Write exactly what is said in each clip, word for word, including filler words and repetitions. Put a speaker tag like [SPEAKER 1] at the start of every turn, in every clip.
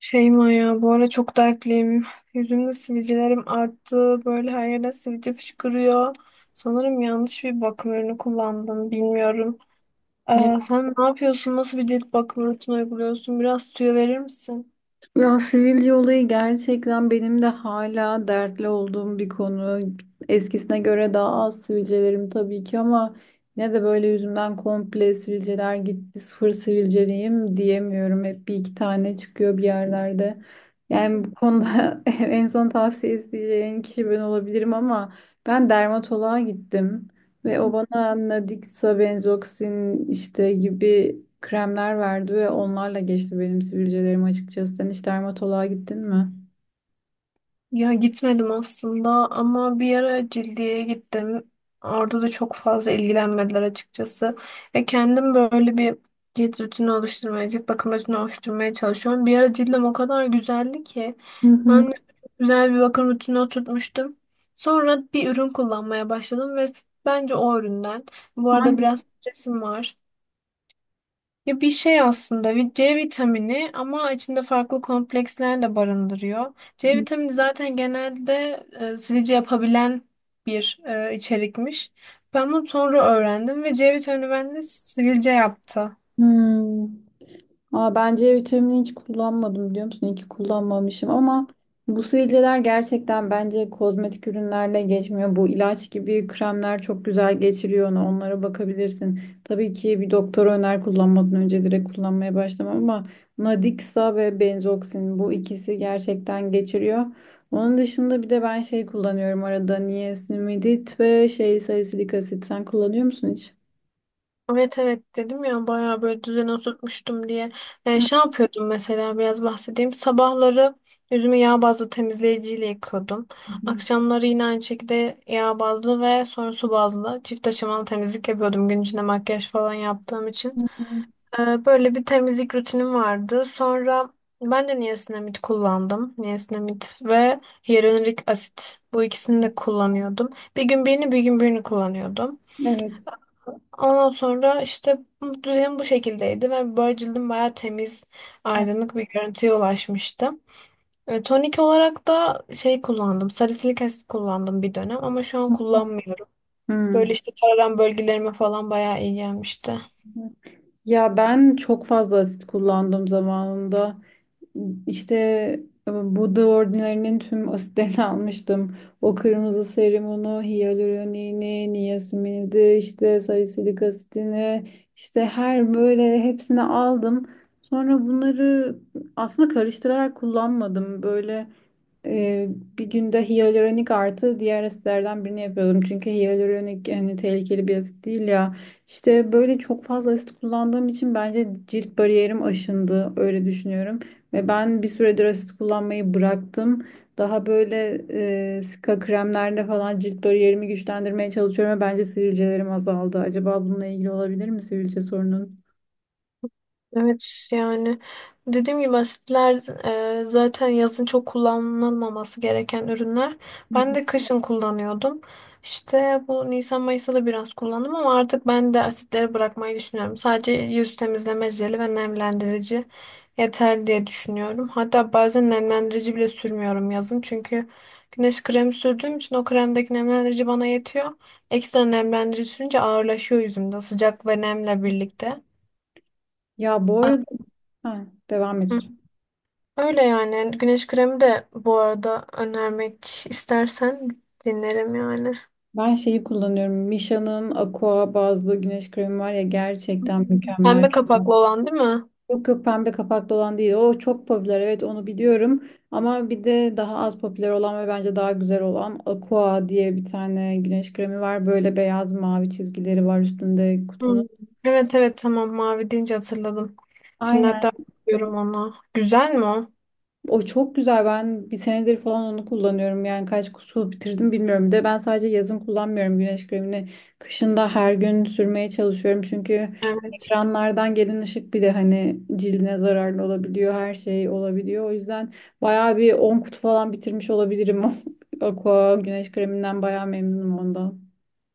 [SPEAKER 1] Şeyma ya bu ara çok dertliyim. Yüzümde sivilcelerim arttı. Böyle her yerden sivilce fışkırıyor. Sanırım yanlış bir bakım ürünü kullandım. Bilmiyorum.
[SPEAKER 2] Ya,
[SPEAKER 1] Ee, sen ne yapıyorsun? Nasıl bir cilt bakım rutini uyguluyorsun? Biraz tüyo verir misin?
[SPEAKER 2] ya sivilce olayı gerçekten benim de hala dertli olduğum bir konu. Eskisine göre daha az sivilcelerim tabii ki ama ne de böyle yüzümden komple sivilceler gitti, sıfır sivilceliyim diyemiyorum. Hep bir iki tane çıkıyor bir yerlerde. Yani bu konuda en son tavsiye isteyeceğin kişi ben olabilirim ama ben dermatoloğa gittim. Ve o bana Nadixa, Benzoxin işte gibi kremler verdi ve onlarla geçti benim sivilcelerim açıkçası. Sen hiç dermatoloğa gittin mi?
[SPEAKER 1] Ya gitmedim aslında ama bir ara Cildi'ye gittim. Orada da çok fazla ilgilenmediler açıkçası. Ve kendim böyle bir cilt rutini oluşturmaya, cilt bakım rutini oluşturmaya çalışıyorum. Bir ara cildim o kadar güzeldi ki.
[SPEAKER 2] Hı hı.
[SPEAKER 1] Ben de çok güzel bir bakım rutini oturtmuştum. Sonra bir ürün kullanmaya başladım ve bence o üründen. Bu arada biraz
[SPEAKER 2] Hangisi?
[SPEAKER 1] stresim var. Ya bir şey aslında bir C vitamini ama içinde farklı kompleksler de barındırıyor. C vitamini zaten genelde e, silici yapabilen bir e, içerikmiş. Ben bunu sonra öğrendim ve C vitamini bende sivilce yaptı.
[SPEAKER 2] Hmm. Aa, ben C vitamini hiç kullanmadım biliyor musun? İyi ki kullanmamışım ama bu sivilceler gerçekten bence kozmetik ürünlerle geçmiyor. Bu ilaç gibi kremler çok güzel geçiriyor onu. Onlara bakabilirsin. Tabii ki bir doktor öner kullanmadan önce direkt kullanmaya başlamam ama Nadixa ve Benzoxin bu ikisi gerçekten geçiriyor. Onun dışında bir de ben şey kullanıyorum arada niacinamid ve şey salisilik asit. Sen kullanıyor musun hiç?
[SPEAKER 1] Evet evet dedim ya bayağı böyle düzene oturtmuştum diye. Ee,
[SPEAKER 2] Hı
[SPEAKER 1] şey yapıyordum mesela biraz bahsedeyim. Sabahları yüzümü yağ bazlı temizleyiciyle yıkıyordum.
[SPEAKER 2] hı.
[SPEAKER 1] Akşamları yine aynı şekilde yağ bazlı ve sonra su bazlı çift aşamalı temizlik yapıyordum gün içinde makyaj falan yaptığım
[SPEAKER 2] Hı
[SPEAKER 1] için.
[SPEAKER 2] hı.
[SPEAKER 1] Ee, böyle bir temizlik rutinim vardı. Sonra ben de niacinamid kullandım. Niacinamid ve hyaluronik asit bu ikisini de kullanıyordum. Bir gün birini bir gün birini kullanıyordum.
[SPEAKER 2] Evet.
[SPEAKER 1] Ondan sonra işte bu düzenim bu şekildeydi ve böyle cildim bayağı temiz,
[SPEAKER 2] Hı
[SPEAKER 1] aydınlık bir görüntüye ulaşmıştı. E, tonik olarak da şey kullandım, salisilik asit kullandım bir dönem ama şu an
[SPEAKER 2] hı.
[SPEAKER 1] kullanmıyorum.
[SPEAKER 2] Hmm.
[SPEAKER 1] Böyle işte kararan bölgelerime falan bayağı iyi gelmişti.
[SPEAKER 2] Ya ben çok fazla asit kullandım zamanında. İşte e, Buda Ordinary'nin tüm asitlerini almıştım. O kırmızı serumunu, hyaluronini, niasinimidi, işte salisilik asitini, işte her böyle hepsini aldım. Sonra bunları aslında karıştırarak kullanmadım. Böyle e, bir günde hyaluronik artı diğer asitlerden birini yapıyordum. Çünkü hyaluronik hani tehlikeli bir asit değil ya. İşte böyle çok fazla asit kullandığım için bence cilt bariyerim aşındı. Öyle düşünüyorum. Ve ben bir süredir asit kullanmayı bıraktım. Daha böyle e, sika kremlerle falan cilt bariyerimi güçlendirmeye çalışıyorum ve bence sivilcelerim azaldı. Acaba bununla ilgili olabilir mi sivilce sorunun?
[SPEAKER 1] Evet yani dediğim gibi asitler e, zaten yazın çok kullanılmaması gereken ürünler.
[SPEAKER 2] Hı
[SPEAKER 1] Ben
[SPEAKER 2] hı.
[SPEAKER 1] de kışın kullanıyordum. İşte bu Nisan Mayıs'ta da biraz kullandım ama artık ben de asitleri bırakmayı düşünüyorum. Sadece yüz temizleme jeli ve nemlendirici yeterli diye düşünüyorum. Hatta bazen nemlendirici bile sürmüyorum yazın. Çünkü güneş kremi sürdüğüm için o kremdeki nemlendirici bana yetiyor. Ekstra nemlendirici sürünce ağırlaşıyor yüzümde sıcak ve nemle birlikte.
[SPEAKER 2] Ya bu arada ha, devam et. Lütfen.
[SPEAKER 1] Öyle yani. Güneş kremi de bu arada önermek istersen dinlerim yani.
[SPEAKER 2] Ben şeyi kullanıyorum. Misha'nın Aqua bazlı güneş kremi var ya
[SPEAKER 1] Hı hı.
[SPEAKER 2] gerçekten mükemmel.
[SPEAKER 1] Pembe kapaklı olan değil mi?
[SPEAKER 2] Yok yok pembe kapaklı olan değil. O çok popüler, evet onu biliyorum. Ama bir de daha az popüler olan ve bence daha güzel olan Aqua diye bir tane güneş kremi var. Böyle beyaz mavi çizgileri var üstünde
[SPEAKER 1] Hmm.
[SPEAKER 2] kutunun.
[SPEAKER 1] Evet evet tamam, mavi deyince hatırladım. Şimdi
[SPEAKER 2] Aynen.
[SPEAKER 1] hatta bakıyorum ona. Güzel mi o?
[SPEAKER 2] O çok güzel. Ben bir senedir falan onu kullanıyorum. Yani kaç kutu bitirdim bilmiyorum. Bir de ben sadece yazın kullanmıyorum güneş kremini. Kışın da her gün sürmeye çalışıyorum. Çünkü
[SPEAKER 1] Evet.
[SPEAKER 2] ekranlardan gelen ışık bir de hani cildine zararlı olabiliyor. Her şey olabiliyor. O yüzden bayağı bir on kutu falan bitirmiş olabilirim. Aqua güneş kreminden bayağı memnunum ondan.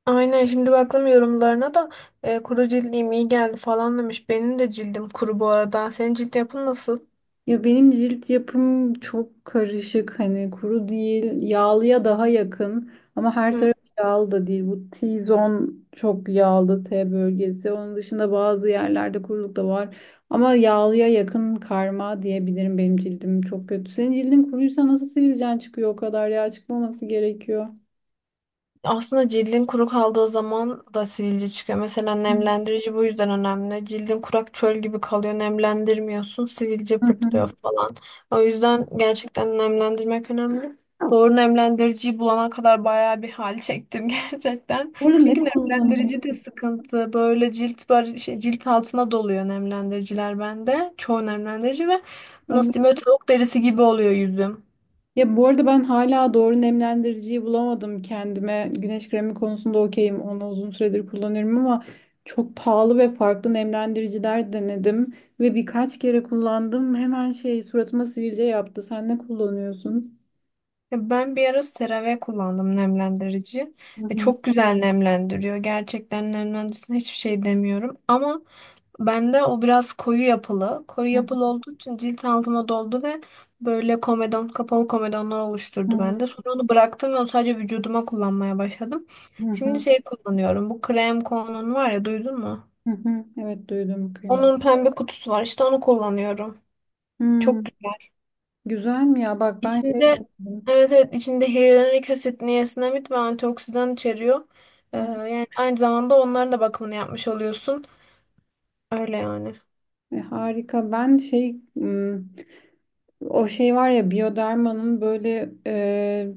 [SPEAKER 1] Aynen şimdi baktım yorumlarına da e, kuru cildim iyi geldi falan demiş. Benim de cildim kuru bu arada. Senin cilt yapın nasıl?
[SPEAKER 2] Ya benim cilt yapım çok karışık, hani kuru değil yağlıya daha yakın ama her taraf yağlı da değil, bu T-zone çok yağlı, T bölgesi. Onun dışında bazı yerlerde kuruluk da var ama yağlıya yakın karma diyebilirim benim cildim. Çok kötü, senin cildin kuruysa nasıl sivilcen çıkıyor? O kadar yağ çıkmaması gerekiyor.
[SPEAKER 1] Aslında cildin kuru kaldığı zaman da sivilce çıkıyor. Mesela
[SPEAKER 2] Hı
[SPEAKER 1] nemlendirici bu yüzden önemli. Cildin kurak çöl gibi kalıyor. Nemlendirmiyorsun, sivilce
[SPEAKER 2] hı.
[SPEAKER 1] pırtlıyor falan. O yüzden gerçekten nemlendirmek önemli. Doğru nemlendiriciyi bulana kadar bayağı bir hal çektim gerçekten.
[SPEAKER 2] Burada ne
[SPEAKER 1] Çünkü nemlendirici de
[SPEAKER 2] kullanıyorsun?
[SPEAKER 1] sıkıntı. Böyle cilt bar şey, cilt altına doluyor nemlendiriciler bende. Çoğu nemlendirici ve nasıl diyeyim böyle tavuk derisi gibi oluyor yüzüm.
[SPEAKER 2] Ya bu arada ben hala doğru nemlendiriciyi bulamadım kendime. Güneş kremi konusunda okeyim. Onu uzun süredir kullanıyorum ama çok pahalı ve farklı nemlendiriciler denedim. Ve birkaç kere kullandım. Hemen şey suratıma sivilce yaptı. Sen ne kullanıyorsun?
[SPEAKER 1] Ya ben bir ara CeraVe kullandım nemlendirici.
[SPEAKER 2] Hı
[SPEAKER 1] Ve
[SPEAKER 2] hı,
[SPEAKER 1] çok güzel nemlendiriyor. Gerçekten nemlendiricisine hiçbir şey demiyorum. Ama bende o biraz koyu yapılı. Koyu
[SPEAKER 2] hı
[SPEAKER 1] yapılı olduğu için cilt altıma doldu ve böyle komedon, kapalı komedonlar oluşturdu
[SPEAKER 2] hı,
[SPEAKER 1] bende. Sonra onu bıraktım ve onu sadece vücuduma kullanmaya başladım.
[SPEAKER 2] hı
[SPEAKER 1] Şimdi
[SPEAKER 2] hı,
[SPEAKER 1] şey kullanıyorum. Bu krem konunun var ya, duydun mu?
[SPEAKER 2] hı hı. Evet duydum krem.
[SPEAKER 1] Onun pembe kutusu var. İşte onu kullanıyorum.
[SPEAKER 2] Hmm,
[SPEAKER 1] Çok
[SPEAKER 2] güzel mi ya? Bak ben şey
[SPEAKER 1] İçinde
[SPEAKER 2] denedim.
[SPEAKER 1] evet evet içinde hyaluronik asit, niasinamid ve antioksidan içeriyor. Ee,
[SPEAKER 2] Heh,
[SPEAKER 1] yani aynı zamanda onların da bakımını yapmış oluyorsun. Öyle yani.
[SPEAKER 2] e, harika. Ben şey hmm, o şey var ya Bioderma'nın böyle e,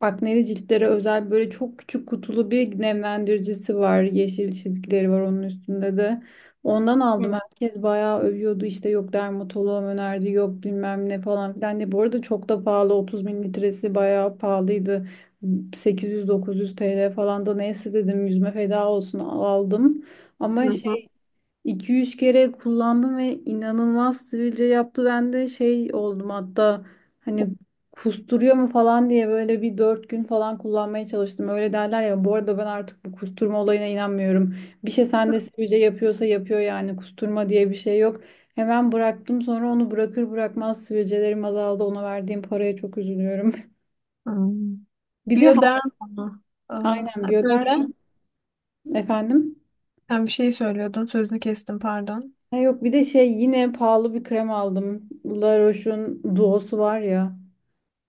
[SPEAKER 2] akneli ciltlere özel böyle çok küçük kutulu bir nemlendiricisi var. Yeşil çizgileri var onun üstünde de. Ondan aldım.
[SPEAKER 1] Hı
[SPEAKER 2] Herkes bayağı övüyordu. İşte yok dermatoloğum önerdi, yok bilmem ne falan filan diye. Bu arada çok da pahalı. otuz mililitresi bayağı pahalıydı. sekiz yüz dokuz yüz T L falan. Da neyse dedim yüzme feda olsun aldım. Ama
[SPEAKER 1] hı.
[SPEAKER 2] şey iki üç kere kullandım ve inanılmaz sivilce yaptı. Ben de şey oldum hatta, hani kusturuyor mu falan diye böyle bir dört gün falan kullanmaya çalıştım. Öyle derler ya, bu arada ben artık bu kusturma olayına inanmıyorum. Bir şey sende sivilce yapıyorsa yapıyor, yani kusturma diye bir şey yok. Hemen bıraktım sonra, onu bırakır bırakmaz sivilcelerim azaldı. Ona verdiğim paraya çok üzülüyorum.
[SPEAKER 1] Hmm.
[SPEAKER 2] Bir de ha-
[SPEAKER 1] Bioderma mı? Aa,
[SPEAKER 2] aynen Bioderma.
[SPEAKER 1] söyle.
[SPEAKER 2] Efendim.
[SPEAKER 1] Sen bir şey söylüyordun. Sözünü kestim, pardon.
[SPEAKER 2] Ha yok, bir de şey yine pahalı bir krem aldım. La Roche'un duosu var ya.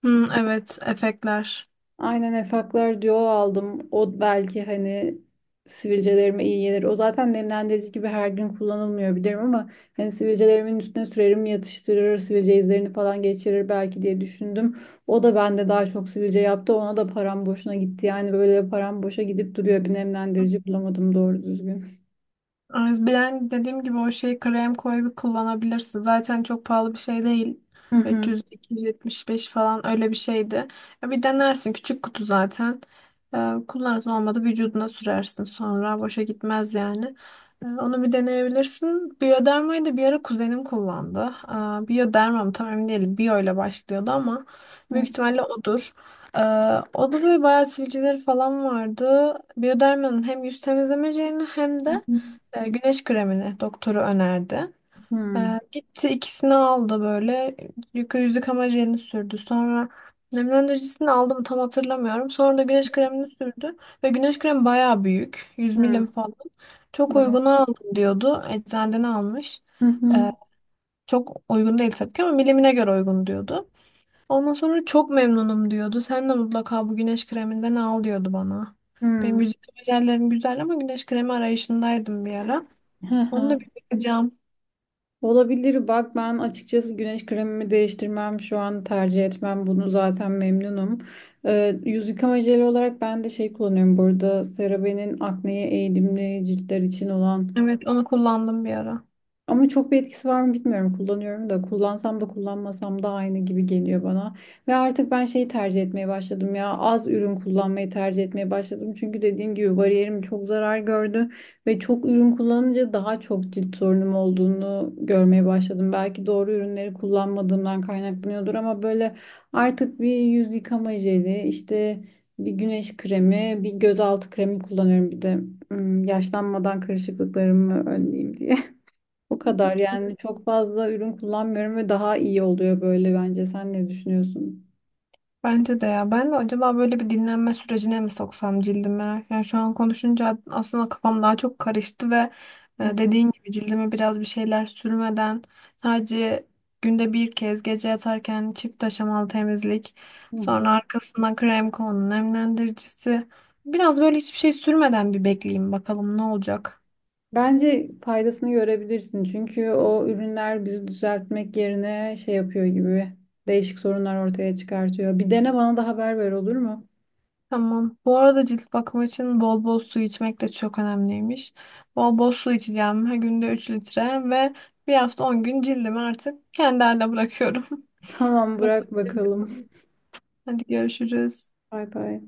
[SPEAKER 1] Hı, evet, efektler.
[SPEAKER 2] Aynen Efaklar Duo aldım. O belki hani sivilcelerime iyi gelir. O zaten nemlendirici gibi her gün kullanılmıyor bilirim ama hani sivilcelerimin üstüne sürerim yatıştırır, sivilce izlerini falan geçirir belki diye düşündüm. O da bende daha çok sivilce yaptı. Ona da param boşuna gitti. Yani böyle param boşa gidip duruyor. Bir nemlendirici bulamadım doğru düzgün.
[SPEAKER 1] Ay, ben dediğim gibi o şeyi krem koyup kullanabilirsin. Zaten çok pahalı bir şey değil.
[SPEAKER 2] Hı hı.
[SPEAKER 1] üç yüz iki yüz yetmiş beş falan öyle bir şeydi. Ya bir denersin. Küçük kutu zaten. Ee, kullanırsın olmadı vücuduna sürersin sonra. Boşa gitmez yani. Ee, onu bir deneyebilirsin. Biyodermayı da bir ara kuzenim kullandı. Ee, Biyoderma mı tam emin değilim. Biyo ile başlıyordu ama büyük
[SPEAKER 2] Hı
[SPEAKER 1] ihtimalle odur. Ee, O da böyle bayağı sivilceleri falan vardı. Biyodermanın hem yüz temizlemeceğini hem
[SPEAKER 2] hı.
[SPEAKER 1] de e, güneş kremini doktoru önerdi.
[SPEAKER 2] Hı hı.
[SPEAKER 1] E, gitti ikisini aldı böyle. Yıka yüz yıkama jelini sürdü. Sonra nemlendiricisini aldım tam hatırlamıyorum. Sonra da güneş kremini sürdü. Ve güneş kremi bayağı büyük. yüz milim falan. Çok uyguna aldım diyordu. Eczaneden almış.
[SPEAKER 2] Hı hı.
[SPEAKER 1] E, Çok uygun değil tabii ki ama milimine göre uygun diyordu. Ondan sonra çok memnunum diyordu. Sen de mutlaka bu güneş kreminden al diyordu bana.
[SPEAKER 2] Hı
[SPEAKER 1] Benim
[SPEAKER 2] hı.
[SPEAKER 1] yüz yıkama jellerim güzel ama güneş kremi arayışındaydım bir ara.
[SPEAKER 2] Hı
[SPEAKER 1] Onu
[SPEAKER 2] hı.
[SPEAKER 1] da bir bakacağım.
[SPEAKER 2] Olabilir. Bak ben açıkçası güneş kremimi değiştirmem. Şu an tercih etmem. Bunu zaten memnunum. Ee, yüz yıkama jeli olarak ben de şey kullanıyorum. Burada CeraVe'nin akneye eğilimli ciltler için olan,
[SPEAKER 1] Evet, onu kullandım bir ara.
[SPEAKER 2] ama çok bir etkisi var mı bilmiyorum. Kullanıyorum da, kullansam da kullanmasam da aynı gibi geliyor bana. Ve artık ben şeyi tercih etmeye başladım ya. Az ürün kullanmayı tercih etmeye başladım. Çünkü dediğim gibi bariyerim çok zarar gördü. Ve çok ürün kullanınca daha çok cilt sorunum olduğunu görmeye başladım. Belki doğru ürünleri kullanmadığımdan kaynaklanıyordur ama böyle artık bir yüz yıkama jeli, işte bir güneş kremi, bir gözaltı kremi kullanıyorum bir de. Hmm, yaşlanmadan kırışıklıklarımı önleyeyim diye. O kadar, yani çok fazla ürün kullanmıyorum ve daha iyi oluyor böyle bence. Sen ne düşünüyorsun?
[SPEAKER 1] Bence de ya. Ben de acaba böyle bir dinlenme sürecine mi soksam cildime? Yani şu an konuşunca aslında kafam daha çok karıştı ve e,
[SPEAKER 2] Hı
[SPEAKER 1] dediğin gibi cildime biraz bir şeyler sürmeden sadece günde bir kez gece yatarken çift aşamalı temizlik,
[SPEAKER 2] hı.
[SPEAKER 1] sonra arkasından krem konu nemlendiricisi. Biraz böyle hiçbir şey sürmeden bir bekleyeyim bakalım ne olacak.
[SPEAKER 2] Bence faydasını görebilirsin çünkü o ürünler bizi düzeltmek yerine şey yapıyor gibi, değişik sorunlar ortaya çıkartıyor. Bir dene bana da haber ver, olur mu?
[SPEAKER 1] Tamam. Bu arada cilt bakımı için bol bol su içmek de çok önemliymiş. Bol bol su içeceğim. Her günde üç litre ve bir hafta on gün cildimi artık kendi haline bırakıyorum.
[SPEAKER 2] Tamam, bırak bakalım.
[SPEAKER 1] Hadi görüşürüz.
[SPEAKER 2] Bay bay.